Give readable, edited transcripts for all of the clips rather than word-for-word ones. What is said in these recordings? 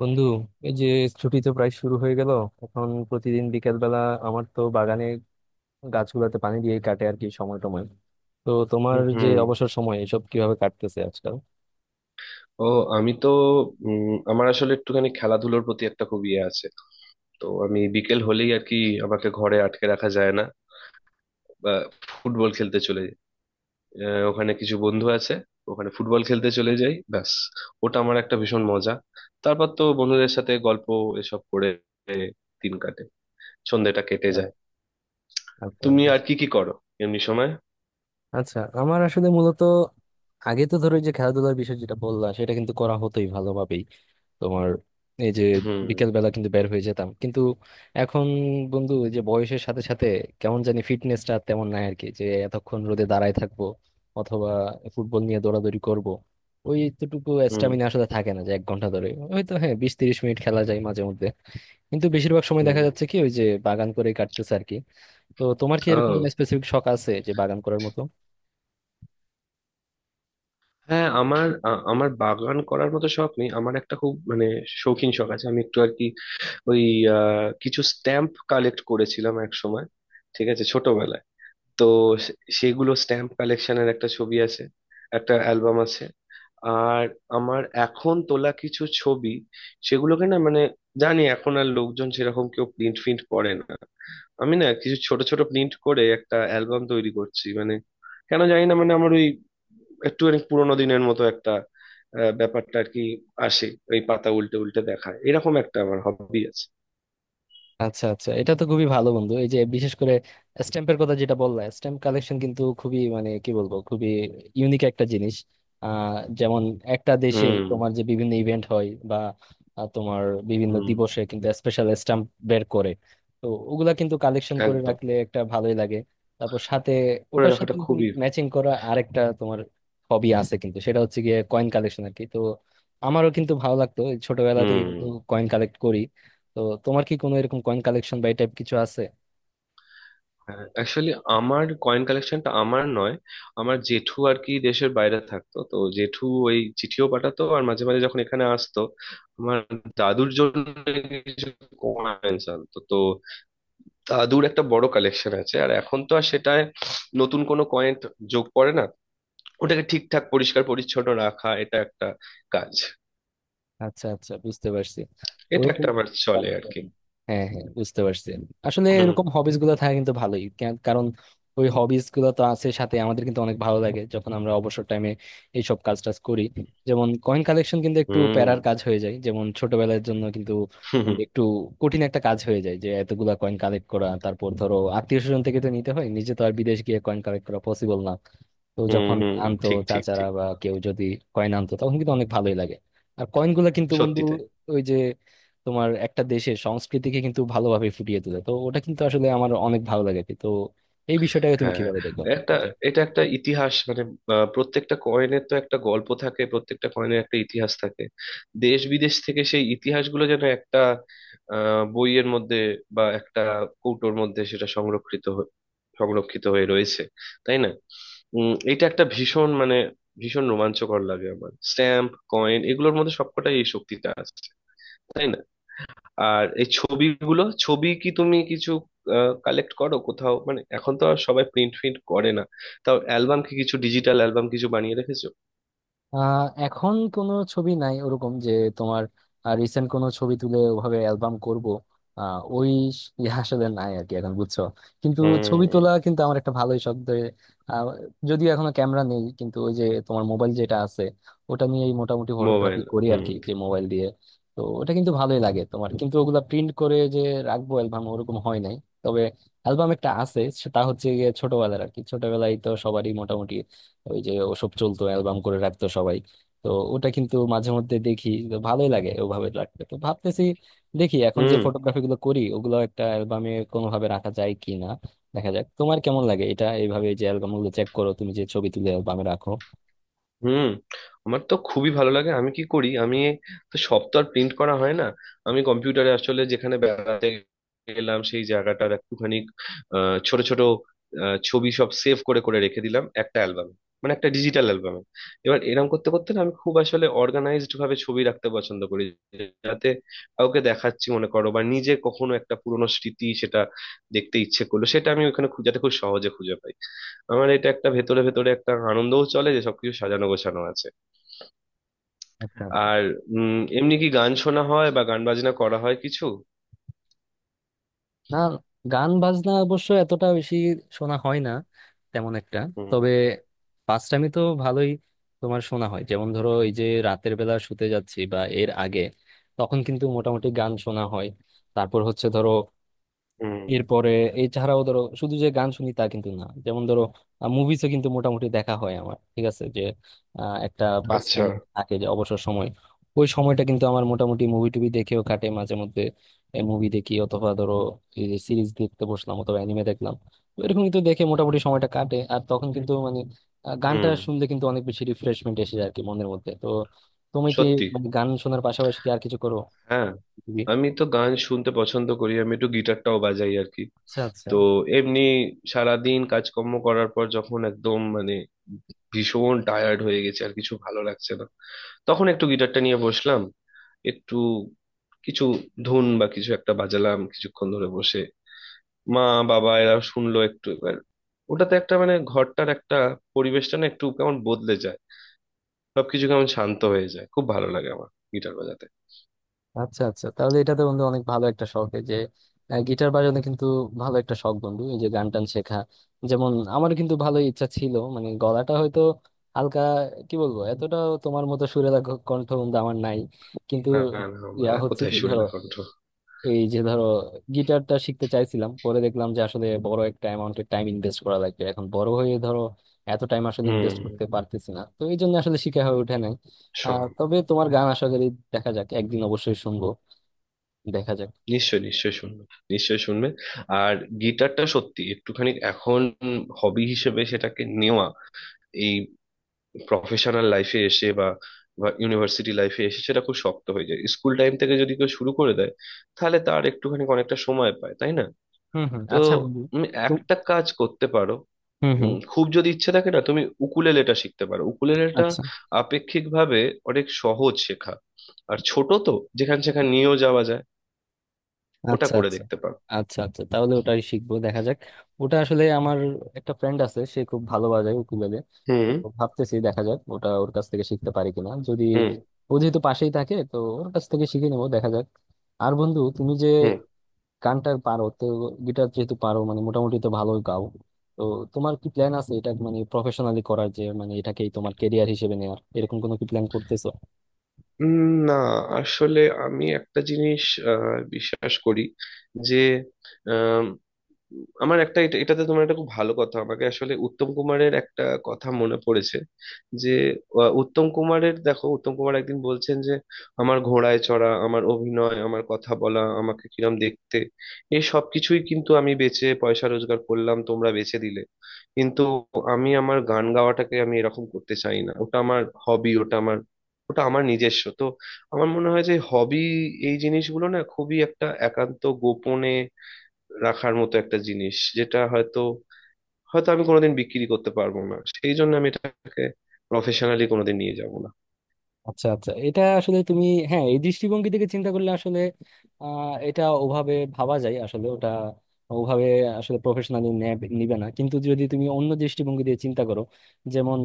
বন্ধু, এই যে ছুটি তো প্রায় শুরু হয়ে গেল। এখন প্রতিদিন বিকেল বেলা আমার তো বাগানে গাছগুলোতে পানি দিয়ে কাটে আর কি, সময় টময়। তো তোমার যে হুম। অবসর সময়, এসব কিভাবে কাটতেছে আজকাল? ও, আমি তো উম, আমার আসলে একটুখানি খেলাধুলোর প্রতি একটা খুব ইয়ে আছে। তো আমি বিকেল হলেই আর কি আমাকে ঘরে আটকে রাখা যায় না, বা ফুটবল খেলতে চলে যাই। ওখানে কিছু বন্ধু আছে, ওখানে ফুটবল খেলতে চলে যাই ব্যাস। ওটা আমার একটা ভীষণ মজা। তারপর তো বন্ধুদের সাথে গল্প, এসব করে দিন কাটে, সন্ধ্যেটা কেটে যায়। আচ্ছা, তুমি আর কি কি করো এমনি সময়? আচ্ছা, আমার আসলে মূলত আগে তো ধরো এই যে খেলাধুলার বিষয় যেটা বললা, সেটা কিন্তু করা হতোই ভালোভাবেই। তোমার এই যে হুম। বিকেল বেলা কিন্তু বের হয়ে যেতাম, কিন্তু এখন, বন্ধু, এই যে বয়সের সাথে সাথে কেমন জানি ফিটনেসটা তেমন নাই আর কি, যে এতক্ষণ রোদে দাঁড়ায় থাকবো অথবা ফুটবল নিয়ে দৌড়াদৌড়ি করব। ওই এতটুকু হুম। স্ট্যামিনা আসলে থাকে না যে 1 ঘন্টা ধরে, হয়তো হ্যাঁ 20-30 মিনিট খেলা যায় মাঝে মধ্যে। কিন্তু বেশিরভাগ সময় হুম। দেখা যাচ্ছে কি, ওই যে বাগান করেই কাটতেছে আর কি। তো তোমার কি এরকম কোনো ও, স্পেসিফিক শখ আছে, যে বাগান করার মতো? হ্যাঁ, আমার বাগান করার মতো শখ নেই, আমার একটা খুব মানে শৌখিন শখ আছে। আমি একটু আর কি ওই কিছু স্ট্যাম্প কালেক্ট করেছিলাম এক সময়, ঠিক আছে, ছোটবেলায়। তো সেগুলো স্ট্যাম্প কালেকশনের একটা ছবি আছে, একটা অ্যালবাম আছে। আর আমার এখন তোলা কিছু ছবি, সেগুলোকে না মানে, জানি এখন আর লোকজন সেরকম কেউ প্রিন্ট ফিন্ট করে না, আমি না কিছু ছোট ছোট প্রিন্ট করে একটা অ্যালবাম তৈরি করছি। মানে কেন জানি না, মানে আমার ওই একটুখানি পুরোনো দিনের মতো একটা ব্যাপারটা আর কি আসে। ওই পাতা উল্টে উল্টে দেখা, এরকম একটা আমার হবি আছে। আচ্ছা আচ্ছা, এটা তো খুবই ভালো, বন্ধু। এই যে বিশেষ করে স্ট্যাম্পের কথা যেটা বললা, স্ট্যাম্প কালেকশন কিন্তু খুবই, মানে কি বলবো, খুবই ইউনিক একটা জিনিস। যেমন একটা দেশের হুম। তোমার যে বিভিন্ন ইভেন্ট হয়, বা তোমার বিভিন্ন হুম। দিবসে কিন্তু স্পেশাল স্ট্যাম্প বের করে। তো ওগুলা কিন্তু কালেকশন করে একদম। রাখলে একটা ভালোই লাগে। তারপর সাথে করে ওটার সাথে রাখাটা তুমি খুবই। ম্যাচিং করা আরেকটা তোমার হবি আছে কিন্তু, সেটা হচ্ছে গিয়ে কয়েন কালেকশন আর কি। তো আমারও কিন্তু ভালো লাগতো, এই ছোটবেলা থেকে কিন্তু হুম। কয়েন কালেক্ট করি। তো তোমার কি কোনো এরকম কয়েন কালেকশন বা এই টাইপ কিছু আছে? অ্যাকচুয়ালি আমার কয়েন কালেকশনটা আমার নয়, আমার জেঠু আর কি দেশের বাইরে থাকতো, তো জেঠু ওই চিঠিও পাঠাতো আর মাঝে মাঝে যখন এখানে আসতো আমার দাদুর জন্য কিছু কয়েন আনতো। তো দাদুর একটা বড় কালেকশন আছে, আর এখন তো আর সেটায় নতুন কোনো কয়েন যোগ পড়ে না। ওটাকে ঠিকঠাক পরিষ্কার পরিচ্ছন্ন রাখা, এটা একটা কাজ। আচ্ছা আচ্ছা, বুঝতে পারছি। এটা ওরকম একটা আমার চলে আর কি। হ্যাঁ হ্যাঁ, বুঝতে পারছি। আসলে হুম। এরকম হবিস গুলো থাকা কিন্তু ভালোই, কারণ ওই হবিস গুলো তো আছে সাথে আমাদের, কিন্তু অনেক ভালো লাগে যখন আমরা অবসর টাইমে এইসব কাজ টাজ করি। যেমন কয়েন কালেকশন কিন্তু একটু হুম। প্যারার কাজ হয়ে যায়, যেমন ছোটবেলার জন্য কিন্তু হুম। মানে হুম। একটু কঠিন একটা কাজ হয়ে যায়, যে এতগুলা কয়েন কালেক্ট করা। তারপর ধরো আত্মীয় স্বজন থেকে তো নিতে হয়, নিজে তো আর বিদেশ গিয়ে কয়েন কালেক্ট করা পসিবল না। তো হুম। যখন হুম, আনতো ঠিক ঠিক চাচারা ঠিক। বা কেউ যদি কয়েন আনতো, তখন কিন্তু অনেক ভালোই লাগে। আর কয়েনগুলো কিন্তু, বন্ধু, সত্যি তাই। ওই যে তোমার একটা দেশের সংস্কৃতিকে কিন্তু ভালোভাবে ফুটিয়ে তোলে। তো ওটা কিন্তু আসলে আমার অনেক ভালো লাগে। তো এই বিষয়টাকে তুমি হ্যাঁ, কিভাবে দেখো? একটা, এটা একটা ইতিহাস মানে। প্রত্যেকটা কয়েনের তো একটা গল্প থাকে, প্রত্যেকটা কয়েনের একটা ইতিহাস থাকে। দেশ বিদেশ থেকে সেই ইতিহাসগুলো যেন একটা বইয়ের মধ্যে বা একটা কৌটোর মধ্যে সেটা সংরক্ষিত হয়ে রয়েছে, তাই না? উম, এটা একটা ভীষণ মানে ভীষণ রোমাঞ্চকর লাগে আমার। স্ট্যাম্প কয়েন এগুলোর মধ্যে সবকটাই এই শক্তিটা আছে, তাই না? আর এই ছবিগুলো, ছবি কি তুমি কিছু কালেক্ট করো কোথাও? মানে এখন তো আর সবাই প্রিন্ট ফ্রিন্ট করে না, তাও অ্যালবাম কি কিছু ডিজিটাল অ্যালবাম কিছু বানিয়ে রেখেছো? এখন কোনো ছবি নাই, ওরকম যে তোমার রিসেন্ট কোনো ছবি তুলে ওভাবে অ্যালবাম করব। আহ, ওই স- ইয়ে আসলে নাই আর কি এখন, বুঝছো? কিন্তু ছবি হুম। তোলা কিন্তু আমার একটা ভালোই শখ আহ, যদিও এখনো ক্যামেরা নেই, কিন্তু ওই যে তোমার মোবাইল যেটা আছে, ওটা নিয়েই মোটামুটি ফটোগ্রাফি মোবাইল। করি আর হুম। কি, যে মোবাইল দিয়ে। তো ওটা কিন্তু ভালোই লাগে। তোমার কিন্তু ওগুলা প্রিন্ট করে যে রাখবো অ্যালবাম, ওরকম হয় নাই। তবে অ্যালবাম একটা আছে, সেটা হচ্ছে গিয়ে ছোটবেলার আর কি। ছোটবেলায় তো সবারই মোটামুটি ওই যে ওসব চলতো, অ্যালবাম করে রাখতো সবাই। তো ওটা কিন্তু মাঝে মধ্যে দেখি, তো ভালোই লাগে ওভাবে রাখতে। তো ভাবতেছি, দেখি এখন যে হুম। ফটোগ্রাফি গুলো করি ওগুলো একটা অ্যালবামে কোনোভাবে রাখা যায় কি না। দেখা যাক। তোমার কেমন লাগে এটা এইভাবে, যে অ্যালবাম গুলো চেক করো তুমি যে ছবি তুলে অ্যালবামে রাখো? হুম। আমার তো খুবই ভালো লাগে। আমি কি করি, আমি তো সব তো আর প্রিন্ট করা হয় না, আমি কম্পিউটারে আসলে যেখানে বেড়াতে গেলাম সেই জায়গাটার একটুখানি ছোট ছোট ছবি সব সেভ করে করে রেখে দিলাম একটা অ্যালবাম, মানে একটা ডিজিটাল অ্যালবামে। এবার এরকম করতে করতে না আমি খুব আসলে অর্গানাইজড ভাবে ছবি রাখতে পছন্দ করি, যাতে কাউকে দেখাচ্ছি মনে করো বা নিজে কখনো একটা পুরোনো স্মৃতি সেটা দেখতে ইচ্ছে করলো, সেটা আমি ওখানে যাতে খুব সহজে খুঁজে পাই। আমার এটা একটা ভেতরে ভেতরে একটা আনন্দও চলে যে সবকিছু সাজানো গোছানো আছে। আচ্ছা। আর উম, এমনি কি গান শোনা হয় বা গান বাজনা করা হয় কিছু? না, গান বাজনা অবশ্য এতটা বেশি শোনা হয় না তেমন একটা। তবে হুম। পাঁচটামি তো ভালোই তোমার শোনা হয়, যেমন ধরো এই যে রাতের বেলা শুতে যাচ্ছি বা এর আগে, তখন কিন্তু মোটামুটি গান শোনা হয়। তারপর হচ্ছে ধরো হুম। এরপরে, এছাড়াও ধরো শুধু যে গান শুনি তা কিন্তু না, যেমন ধরো মুভিজও কিন্তু মোটামুটি দেখা হয় আমার। ঠিক আছে, যে একটা পাস আচ্ছা। টাইম থাকে, যে অবসর সময় ওই সময়টা কিন্তু আমার মোটামুটি মুভি টুভি দেখেও কাটে মাঝে মধ্যে। মুভি দেখি অথবা ধরো এই যে সিরিজ দেখতে বসলাম, অথবা অ্যানিমে দেখলাম। তো এরকম কিন্তু দেখে মোটামুটি সময়টা কাটে। আর তখন কিন্তু মানে গানটা হুম। শুনলে কিন্তু অনেক বেশি রিফ্রেশমেন্ট এসে যায় আর কি মনের মধ্যে। তো তুমি কি, সত্যি। মানে গান শোনার পাশাপাশি কি আর কিছু করো? হ্যাঁ, আমি তো গান শুনতে পছন্দ করি, আমি একটু গিটারটাও বাজাই আর কি। আচ্ছা আচ্ছা। তো এমনি সারাদিন কাজকর্ম করার পর যখন একদম মানে ভীষণ টায়ার্ড হয়ে গেছে আর কিছু ভালো লাগছে না, তখন একটু গিটারটা নিয়ে বসলাম, একটু কিছু ধুন বা কিছু একটা বাজালাম কিছুক্ষণ ধরে বসে। মা বাবা এরা শুনলো একটু। এবার ওটাতে একটা মানে ঘরটার একটা পরিবেশটা না একটু কেমন বদলে যায়, সবকিছু কেমন শান্ত হয়ে যায়। খুব ভালো লাগে আমার গিটার বাজাতে। আচ্ছা আচ্ছা, তাহলে এটা তো, বন্ধু, অনেক ভালো একটা শখ। এই যে গিটার বাজানো কিন্তু ভালো একটা শখ, বন্ধু। এই যে গান টান শেখা, যেমন আমারও কিন্তু ভালো ইচ্ছা ছিল। মানে গলাটা হয়তো হালকা, কি বলবো, এতটা তোমার মতো সুরেলা কণ্ঠ, বন্ধু, আমার নাই। কিন্তু না, না, আমার আর হচ্ছে কোথায় কি ধরো, সুরেলা কণ্ঠ। এই যে ধরো গিটারটা শিখতে চাইছিলাম, পরে দেখলাম যে আসলে বড় একটা অ্যামাউন্টের টাইম ইনভেস্ট করা লাগবে। এখন বড় হয়ে ধরো এত টাইম আসলে ইনভেস্ট হুম। করতে পারতেছি না, তো এই জন্য আসলে শিখা হয়ে ওঠে নাই। আহ, শোন। তবে তোমার গান আশা করি দেখা যাক একদিন অবশ্যই শুনবো। দেখা যাক। নিশ্চয় নিশ্চয় শুনবে, নিশ্চয় শুনবে। আর গিটারটা সত্যি একটুখানি এখন হবি হিসেবে সেটাকে নেওয়া, এই প্রফেশনাল লাইফে এসে বা বা ইউনিভার্সিটি লাইফে এসে সেটা খুব শক্ত হয়ে যায়। স্কুল টাইম থেকে যদি কেউ শুরু করে দেয় তাহলে তার একটুখানি অনেকটা সময় পায়, তাই না? হুম হুম, তো আচ্ছা বন্ধু। তুমি তো- একটা কাজ করতে পারো, হুম হুম। খুব যদি ইচ্ছে থাকে না, তুমি উকুলেলেটা শিখতে পারো। উকুলেলেটা আচ্ছা আপেক্ষিকভাবে অনেক সহজ শেখা, আর ছোট তো, যেখান সেখান নিয়েও যাওয়া যায়। ওটা আচ্ছা। করে আচ্ছা দেখতে পারো। আচ্ছা, আচ্ছা, তাহলে ওটাই শিখবো, দেখা যাক। ওটা আসলে আমার একটা ফ্রেন্ড আছে, সে খুব ভালো বাজায় উকুলেলে। হুম। তো ভাবতেছি দেখা যাক ওটা ওর কাছ থেকে শিখতে পারি কিনা, যদি হুম। ও যেহেতু পাশেই থাকে তো ওর কাছ থেকে শিখে নেবো, দেখা যাক। আর বন্ধু, তুমি যে হুম। গানটার পারো তো, গিটার যেহেতু পারো, মানে মোটামুটি তো ভালোই গাও। তো তোমার কি প্ল্যান আছে এটা মানে প্রফেশনালি করার, যে মানে এটাকেই তোমার কেরিয়ার হিসেবে নেওয়ার, হুম। এরকম কোনো কি প্ল্যান করতেছো? না, আসলে আমি একটা জিনিস আহ, বিশ্বাস করি যে আমার একটা এটাতে তোমার একটা খুব ভালো কথা, আমাকে আসলে উত্তম কুমারের একটা কথা মনে পড়েছে। যে উত্তম কুমারের, দেখো, উত্তম কুমার একদিন বলছেন যে আমার ঘোড়ায় চড়া, আমার অভিনয়, আমার কথা বলা, আমাকে কিরম দেখতে, এই সব কিছুই কিন্তু আমি বেচে পয়সা রোজগার করলাম, তোমরা বেচে দিলে। কিন্তু আমি আমার গান গাওয়াটাকে আমি এরকম করতে চাই না। ওটা আমার হবি, ওটা আমার, ওটা আমার নিজস্ব। তো আমার মনে হয় যে হবি এই জিনিসগুলো না খুবই একটা একান্ত গোপনে রাখার মতো একটা জিনিস। যেটা হয়তো, হয়তো আমি কোনোদিন বিক্রি করতে পারবো না, সেই জন্য আমি এটাকে প্রফেশনালি কোনোদিন নিয়ে যাব না। আচ্ছা আচ্ছা, এটা আসলে তুমি, হ্যাঁ, এই দৃষ্টিভঙ্গি থেকে চিন্তা করলে আসলে আহ, এটা ওভাবে ভাবা যায়। আসলে ওটা ওভাবে আসলে প্রফেশনালি নিবে না, কিন্তু যদি তুমি অন্য দৃষ্টিভঙ্গি দিয়ে চিন্তা করো, যেমন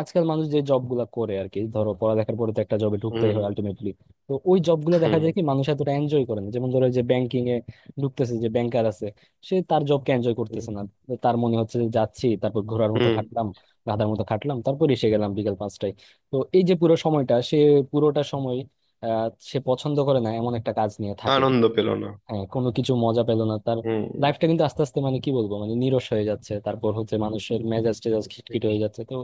আজকাল মানুষ যে জব গুলা করে আর কি, ধরো পড়ালেখার পরে তো একটা জবে ঢুকতেই হুম। হয় আলটিমেটলি। তো ওই জব গুলো দেখা হুম। যায় কি, মানুষ এতটা এনজয় করে না। যেমন ধরো যে ব্যাংকিং এ ঢুকতেছে, যে ব্যাংকার আছে, সে তার জবকে এনজয় হুম। করতেছে না। তার মনে হচ্ছে যে যাচ্ছি, তারপর ঘোড়ার মতো হুম। খাটলাম, গাধার মতো খাটলাম, তারপর এসে গেলাম বিকেল 5টায়। তো এই যে পুরো সময়টা সে পুরোটা সময় আহ, সে পছন্দ করে না এমন একটা কাজ নিয়ে থাকে। আনন্দ পেল না। হ্যাঁ, কোনো কিছু মজা পেল না তার। হুম। লাইফটা কিন্তু আস্তে আস্তে, মানে কি বলবো, মানে নিরস হয়ে যাচ্ছে। তারপর হচ্ছে মানুষের মেজাজ টেজাজ খিটখিটে হয়ে যাচ্ছে। তো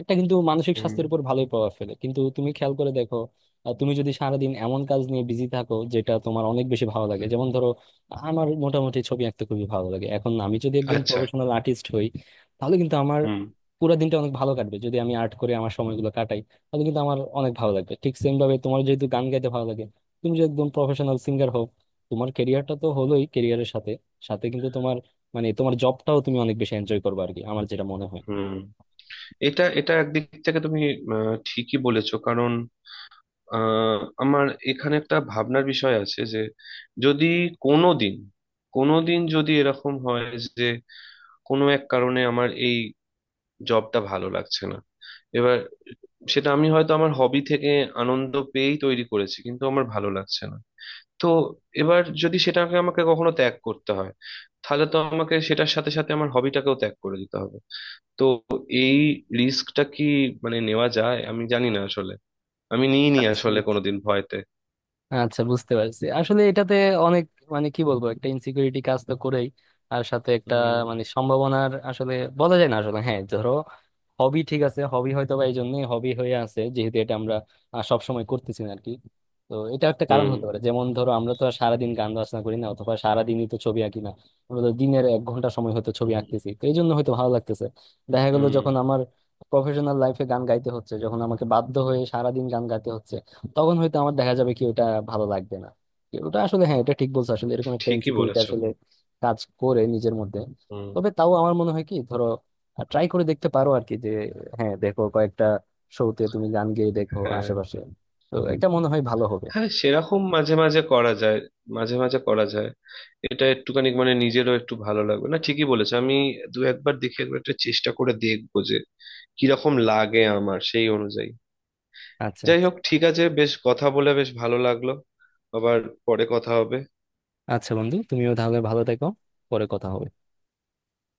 একটা কিন্তু মানসিক হুম। স্বাস্থ্যের উপর ভালোই প্রভাব ফেলে কিন্তু, তুমি খেয়াল করে দেখো। তুমি যদি সারাদিন এমন কাজ নিয়ে বিজি থাকো যেটা তোমার অনেক বেশি ভালো লাগে, যেমন ধরো আমার মোটামুটি ছবি আঁকতে খুবই ভালো লাগে, এখন আমি যদি একজন আচ্ছা। প্রফেশনাল আর্টিস্ট হই, তাহলে কিন্তু আমার হুম। পুরো দিনটা অনেক ভালো কাটবে, যদি আমি আর্ট করে আমার সময়গুলো কাটাই। তাহলে কিন্তু আমার অনেক ভালো লাগবে। ঠিক সেম ভাবে তোমার যেহেতু গান গাইতে ভালো লাগে, তুমি যদি একদম প্রফেশনাল সিঙ্গার হও, তোমার কেরিয়ারটা তো হলোই, কেরিয়ারের সাথে সাথে কিন্তু তোমার, মানে তোমার জবটাও তুমি অনেক বেশি এনজয় করবে আর কি। আমার যেটা মনে হুম। এটা এটা একদিক থেকে তুমি ঠিকই বলেছো, কারণ আহ, আমার এখানে একটা ভাবনার বিষয় আছে যে যদি কোনোদিন, কোনোদিন যদি এরকম হয় যে কোনো এক কারণে আমার এই জবটা ভালো লাগছে না, এবার সেটা আমি হয়তো আমার হবি থেকে আনন্দ পেয়েই তৈরি করেছি, কিন্তু আমার ভালো লাগছে না। তো এবার যদি সেটাকে আমাকে কখনো ত্যাগ করতে হয় তাহলে তো আমাকে সেটার সাথে সাথে আমার হবিটাকেও ত্যাগ করে দিতে হবে। তো এই রিস্কটা কি মানে নেওয়া যায়, আমি জানি না আসলে, আমি নিইনি আসলে হয়। কোনোদিন ভয়তে। আচ্ছা, বুঝতে পারছি আসলে এটাতে অনেক, মানে কি বলবো, একটা ইনসিকিউরিটি কাজ তো করেই। আর সাথে একটা, হুম। মানে সম্ভাবনার আসলে বলা যায় না আসলে, হ্যাঁ ধরো হবি ঠিক আছে, হবি হয়তো বা এই জন্যই হবি হয়ে আছে, যেহেতু এটা আমরা সবসময় করতেছি না আর কি। তো এটা একটা কারণ হুম। হতে পারে। যেমন ধরো আমরা তো আর সারাদিন গান বাজনা করি না, অথবা সারাদিনই তো ছবি আঁকি না। আমরা তো দিনের 1 ঘন্টা সময় হয়তো ছবি হুম। আঁকতেছি, তো এই জন্য হয়তো ভালো লাগতেছে। দেখা গেলো হুম, যখন আমার প্রফেশনাল লাইফে গান গাইতে হচ্ছে, যখন আমাকে বাধ্য হয়ে সারাদিন গান গাইতে হচ্ছে, তখন হয়তো আমার দেখা যাবে কি ওটা ভালো লাগবে না। কি ওটা আসলে, হ্যাঁ, এটা ঠিক বলছো আসলে, এরকম একটা ঠিকই ইনসিকিউরিটি বলেছো। আসলে কাজ করে নিজের মধ্যে। হুম। তবে তাও আমার মনে হয় কি, ধরো ট্রাই করে দেখতে পারো আর কি, যে হ্যাঁ দেখো কয়েকটা শোতে তুমি গান গেয়ে দেখো হ্যাঁ। আশেপাশে। তো এটা মনে হয় ভালো হবে। হ্যাঁ, সেরকম মাঝে মাঝে করা যায়, মাঝে মাঝে করা যায়। এটা একটুখানি মানে নিজেরও একটু ভালো লাগবে না, ঠিকই বলেছে। আমি দু একবার দেখে, একবার একটা চেষ্টা করে দেখবো যে কিরকম লাগে আমার, সেই অনুযায়ী। আচ্ছা যাই আচ্ছা, হোক, ঠিক আছে, বেশ কথা বলে বেশ ভালো লাগলো। আবার পরে কথা হবে। আচ্ছা বন্ধু, তুমিও তাহলে ভালো থেকো। পরে কথা হবে।